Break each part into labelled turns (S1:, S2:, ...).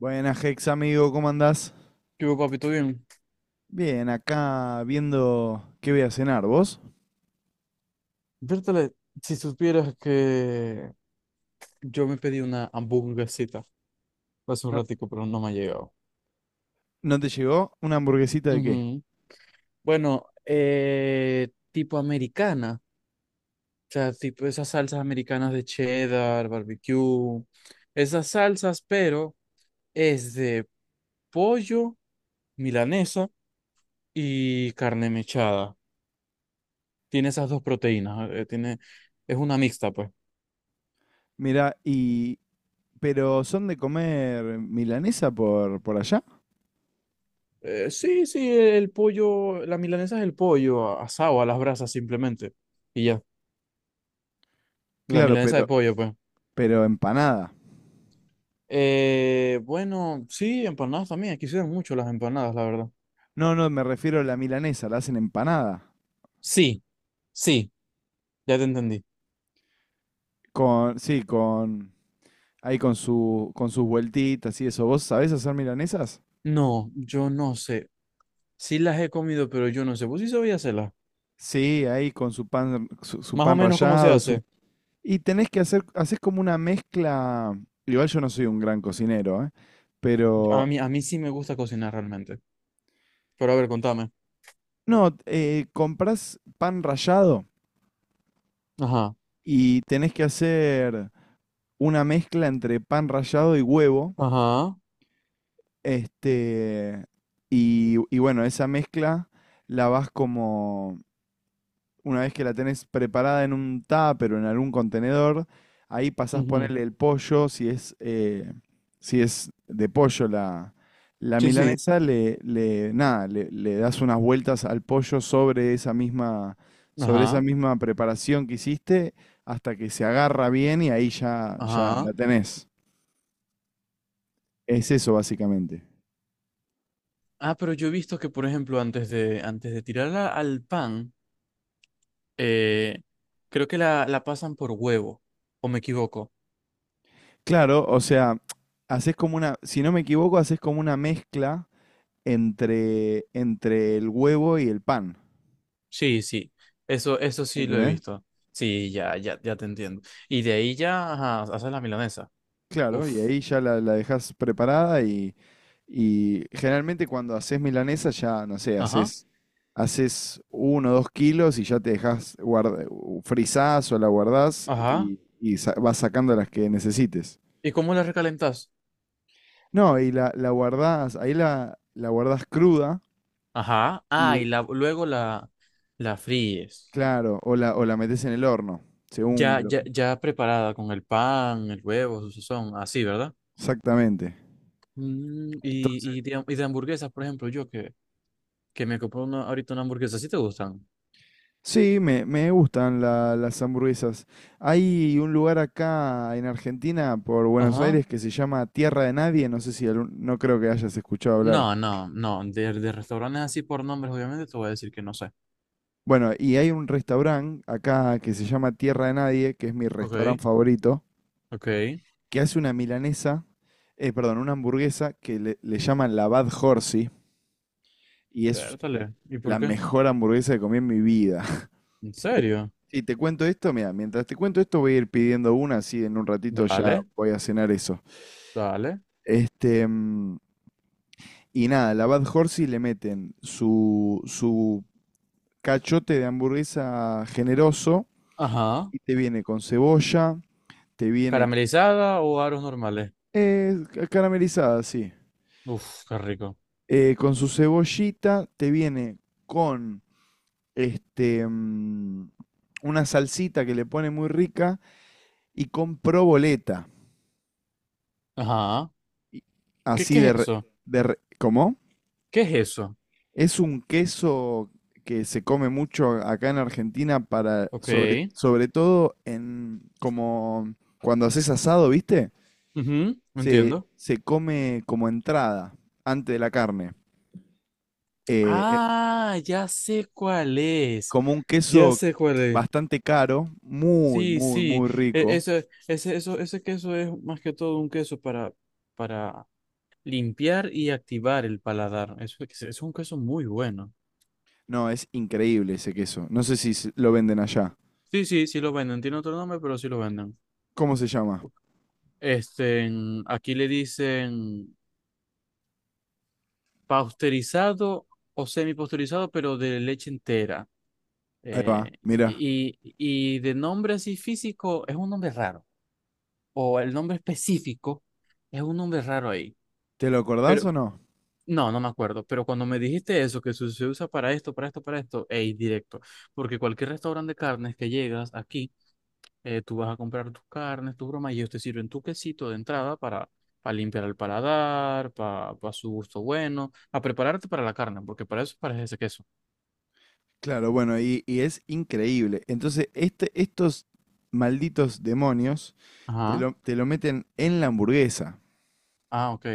S1: Buenas, Hex, amigo, ¿cómo andás?
S2: Yo, papi, ¿todo bien?
S1: Bien, acá viendo qué voy a cenar, ¿vos?
S2: Vértale, si supieras que yo me pedí una hamburguesita hace un
S1: No,
S2: ratico, pero no me ha llegado.
S1: ¿no te llegó? ¿Una hamburguesita de qué?
S2: Ujú. Bueno, tipo americana, o sea, tipo esas salsas americanas de cheddar, barbecue, esas salsas, pero es de pollo, milanesa y carne mechada. Tiene esas dos proteínas, tiene, es una mixta, pues.
S1: Mirá, y... ¿Pero son de comer milanesa por allá?
S2: Sí, sí, el pollo, la milanesa es el pollo asado a las brasas simplemente. Y ya, la
S1: Claro,
S2: milanesa de pollo, pues.
S1: pero empanada.
S2: Bueno, sí, empanadas también. Aquí se dan mucho las empanadas, la verdad.
S1: No, no, me refiero a la milanesa, la hacen empanada.
S2: Sí, sí, ya te entendí.
S1: Con, sí, con... Ahí con su, con sus vueltitas y eso. ¿Vos sabés hacer milanesas?
S2: No, yo no sé. Sí las he comido, pero yo no sé. ¿Vos sí sabías hacerlas?
S1: Sí, ahí con su pan, su
S2: Más o
S1: pan
S2: menos cómo se
S1: rallado, su.
S2: hace.
S1: Y tenés que hacer, haces como una mezcla. Igual yo no soy un gran cocinero, ¿eh?
S2: A
S1: Pero
S2: mí, a mí sí me gusta cocinar realmente. Pero a ver, contame.
S1: no, comprás pan rallado
S2: Ajá,
S1: y tenés que hacer una mezcla entre pan rallado y huevo.
S2: ajá,
S1: Este, y bueno, esa mezcla la vas como una vez que la tenés preparada en un tupper o en algún contenedor, ahí pasás a
S2: ujú.
S1: ponerle el pollo, si es, si es de pollo la, la
S2: Sí, sí,
S1: milanesa, le- nada, le das unas vueltas al pollo sobre esa
S2: ajá,
S1: misma preparación que hiciste hasta que se agarra bien y ahí ya, ya
S2: ajá.
S1: la tenés. Es eso básicamente.
S2: Ah, pero yo he visto que, por ejemplo, antes de tirarla al pan, eh, creo que la pasan por huevo, o me equivoco.
S1: Claro, o sea, haces como una, si no me equivoco, haces como una mezcla entre, entre el huevo y el pan.
S2: Sí, sí, eso sí lo he
S1: ¿Entendés?
S2: visto. Sí, ya, ya, ya te entiendo. Y de ahí ya, ajá, haces la milanesa.
S1: Claro,
S2: Uf,
S1: y ahí ya la dejás preparada y generalmente cuando haces milanesa ya, no sé,
S2: ajá,
S1: haces, haces uno o dos kilos y ya te dejas guarda, u- frizás o la guardás
S2: ajá.
S1: y sa- vas sacando las que necesites.
S2: ¿Y cómo la recalentas?
S1: No, y la guardás, ahí la, la guardás cruda
S2: Ajá, ah,
S1: y
S2: y la, luego la, la fríes.
S1: claro, o la metés en el horno, según
S2: Ya,
S1: lo-
S2: ya, ya preparada con el pan, el huevo, su sazón, así, ¿verdad?
S1: exactamente.
S2: Mm, y de hamburguesas, por ejemplo, yo que me compré una, ahorita una hamburguesa. ¿Sí te gustan?
S1: Sí, me- me gustan la- las hamburguesas. Hay un lugar acá en Argentina, por Buenos
S2: Ajá.
S1: Aires, que se llama Tierra de Nadie. No sé si algún- no creo que hayas escuchado hablar.
S2: No, no, no. De restaurantes así por nombres, obviamente, te voy a decir que no sé.
S1: Bueno, y hay un restaurante acá que se llama Tierra de Nadie, que es mi
S2: Ok,
S1: restaurante favorito,
S2: ok.
S1: que hace una milanesa, perdón, una hamburguesa que le llaman la Bad Horsey, y es
S2: Pértale. ¿Y por
S1: la
S2: qué?
S1: mejor hamburguesa que comí en mi vida.
S2: ¿En serio?
S1: Si te cuento esto, mira, mientras te cuento esto voy a ir pidiendo una, así en un ratito ya
S2: Dale,
S1: voy a cenar eso.
S2: dale.
S1: Este, y nada, la Bad Horsey le meten su, su cachote de hamburguesa generoso
S2: Ajá.
S1: y te viene con cebolla, te viene
S2: ¿Caramelizada o aros normales?
S1: ca- caramelizada, sí.
S2: Uf, qué rico.
S1: Con su cebollita, te viene con este, una salsita que le pone muy rica y con proboleta.
S2: Ajá.
S1: Y-
S2: ¿Qué,
S1: Así
S2: qué es eso?
S1: de re- ¿cómo?
S2: ¿Qué es eso?
S1: Es un queso que se come mucho acá en Argentina para,
S2: Ok.
S1: sobre, sobre todo en, como cuando haces asado, ¿viste?
S2: Ujú,
S1: Se,
S2: entiendo.
S1: se come como entrada, antes de la carne. Eh, eh,
S2: Ah, ya sé cuál es.
S1: como un
S2: Ya
S1: queso
S2: sé cuál es.
S1: bastante caro, muy,
S2: Sí,
S1: muy,
S2: sí,
S1: muy rico.
S2: eso, ese, eso, ese queso es más que todo un queso para limpiar y activar el paladar. Eso es un queso muy bueno.
S1: No, es increíble ese queso. No sé si se- lo venden allá.
S2: Sí, sí, sí lo venden. Tiene otro nombre, pero sí lo venden.
S1: ¿Cómo se llama?
S2: Este, aquí le dicen pasteurizado o semipasteurizado, pero de leche entera.
S1: Ahí va,
S2: Eh,
S1: mira.
S2: y de nombre así físico es un nombre raro. O el nombre específico es un nombre raro ahí.
S1: ¿Te lo acordás o no?
S2: No, no me acuerdo, pero cuando me dijiste eso, que se usa para esto, para esto, para esto, ey, directo. Porque cualquier restaurante de carnes que llegas aquí, tú vas a comprar tus carnes, tus bromas, y ellos te sirven tu quesito de entrada para limpiar el paladar, para, su gusto bueno, a prepararte para la carne, porque para eso parece ese queso.
S1: Claro, bueno, y es increíble. Entonces, este, estos malditos demonios
S2: Ajá.
S1: te lo meten en la hamburguesa
S2: Ah, ok.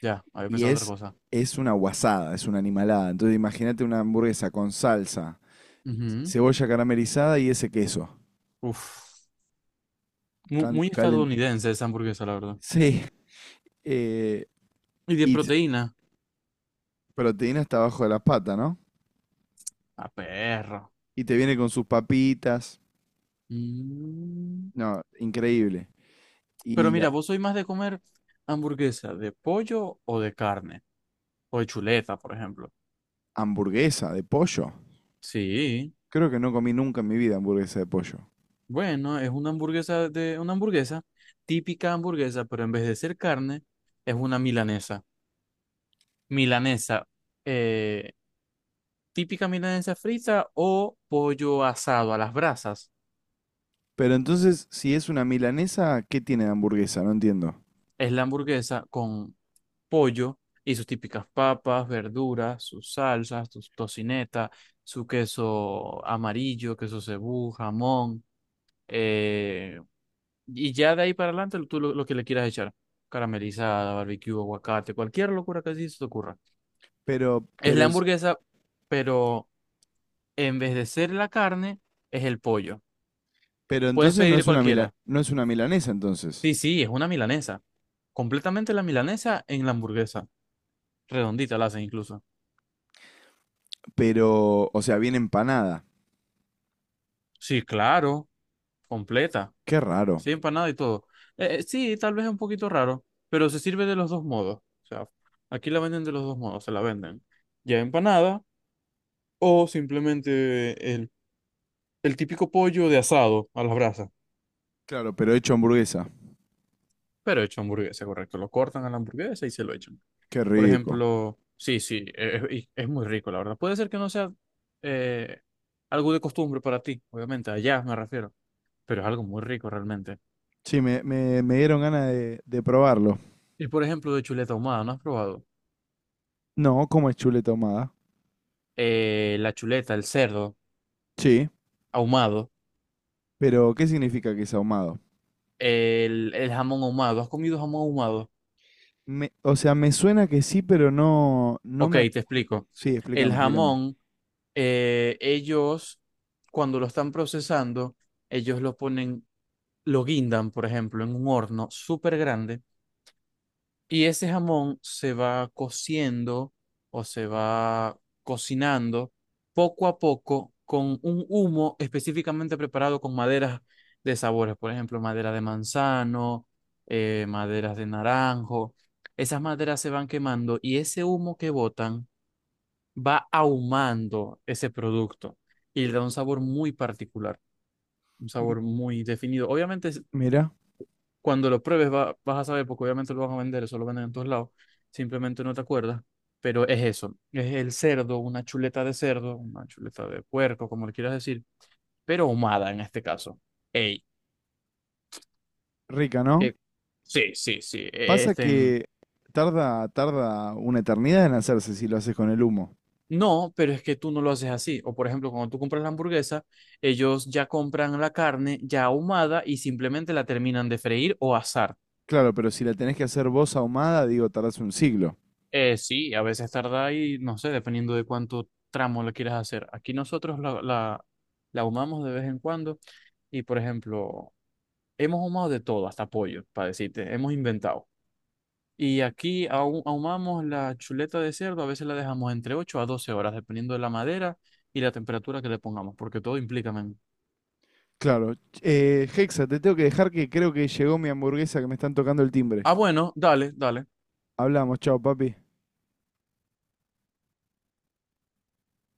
S2: Ya, había
S1: y
S2: pensado otra cosa.
S1: es una guasada, es una animalada. Entonces, imagínate una hamburguesa con salsa,
S2: Ujú.
S1: cebolla caramelizada y ese queso.
S2: Uf. Mu-
S1: Can-
S2: muy
S1: calen-
S2: estadounidense esa hamburguesa, la verdad.
S1: Sí, eh,
S2: Y de
S1: y t-
S2: proteína.
S1: proteína hasta abajo de la pata, ¿no?
S2: A perro.
S1: Y te viene con sus papitas.
S2: Mm.
S1: No, increíble.
S2: Pero
S1: Y a-
S2: mira, ¿vos sois más de comer hamburguesa de pollo o de carne? O de chuleta, por ejemplo.
S1: hamburguesa de pollo.
S2: Sí,
S1: Creo que no comí nunca en mi vida hamburguesa de pollo.
S2: bueno, es una hamburguesa de una hamburguesa, típica hamburguesa, pero en vez de ser carne, es una milanesa. Milanesa, eh, típica milanesa frita o pollo asado a las brasas.
S1: Pero entonces, si es una milanesa, ¿qué tiene de hamburguesa? No entiendo.
S2: Es la hamburguesa con pollo y sus típicas papas, verduras, sus salsas, sus tocineta, su queso amarillo, queso cebú, jamón. eh, y ya de ahí para adelante tú lo que le quieras echar. Caramelizada, barbecue, aguacate, cualquier locura que así se te ocurra. Es
S1: Pero,
S2: la
S1: es-
S2: hamburguesa, pero en vez de ser la carne, es el pollo.
S1: pero
S2: Puedes
S1: entonces no
S2: pedir
S1: es una mila-
S2: cualquiera.
S1: no es una milanesa entonces.
S2: Sí, sí, es una milanesa. Completamente la milanesa en la hamburguesa. Redondita la hacen incluso.
S1: Pero, o sea, viene empanada.
S2: Sí, claro, completa.
S1: Qué raro.
S2: Así empanada y todo. Sí, tal vez es un poquito raro, pero se sirve de los dos modos. O sea, aquí la venden de los dos modos, se la venden ya empanada o simplemente el típico pollo de asado a las brasas,
S1: Claro, pero hecho hamburguesa.
S2: pero hecho hamburguesa, correcto. Lo cortan a la hamburguesa y se lo echan.
S1: Qué
S2: Por
S1: rico.
S2: ejemplo, sí, sí, y es, muy rico, la verdad. Puede ser que no sea eh, algo de costumbre para ti, obviamente, allá me refiero, pero es algo muy rico realmente.
S1: Sí, me- me dieron ganas de probarlo.
S2: Y por ejemplo, de chuleta ahumada, ¿no has probado?
S1: No, cómo es chuleta ahumada.
S2: La chuleta, el cerdo
S1: Sí,
S2: ahumado,
S1: pero ¿qué significa que es ahumado?
S2: el jamón ahumado. ¿Has comido jamón ahumado?
S1: Me- o sea, me suena que sí, pero no, no
S2: Ok,
S1: me... ac-
S2: te explico.
S1: Sí,
S2: El
S1: explícame, explícame.
S2: jamón, ellos, cuando lo están procesando, ellos lo ponen, lo guindan, por ejemplo, en un horno súper grande. Y ese jamón se va cociendo o se va cocinando poco a poco con un humo específicamente preparado con maderas de sabores, por ejemplo, madera de manzano, maderas de naranjo. Esas maderas se van quemando y ese humo que botan va ahumando ese producto y le da un sabor muy particular, un
S1: M-
S2: sabor muy definido. Obviamente es-
S1: Mira,
S2: cuando lo pruebes vas a saber, porque obviamente lo vas a vender, eso lo venden en todos lados, simplemente no te acuerdas, pero es eso, es el cerdo, una chuleta de cerdo, una chuleta de puerco, como le quieras decir, pero ahumada en este caso. Ey,
S1: rica, ¿no?
S2: que sí, sí, sí,
S1: Pasa
S2: este, en-
S1: que tarda, tarda una eternidad en hacerse si lo haces con el humo.
S2: no, pero es que tú no lo haces así, o por ejemplo, cuando tú compras la hamburguesa, ellos ya compran la carne ya ahumada y simplemente la terminan de freír o asar.
S1: Claro, pero si la tenés que hacer vos ahumada, digo, tardás un siglo.
S2: Sí, a veces tarda y no sé, dependiendo de cuánto tramo lo quieras hacer. Aquí nosotros la ahumamos de vez en cuando y, por ejemplo, hemos ahumado de todo, hasta pollo, para decirte, hemos inventado. Y aquí ahumamos la chuleta de cerdo, a veces la dejamos entre 8 a 12 horas, dependiendo de la madera y la temperatura que le pongamos, porque todo implica, men.
S1: Claro. Hexa, te tengo que dejar que creo que llegó mi hamburguesa que me están tocando el timbre.
S2: Ah, bueno, dale, dale.
S1: Hablamos, chao, papi.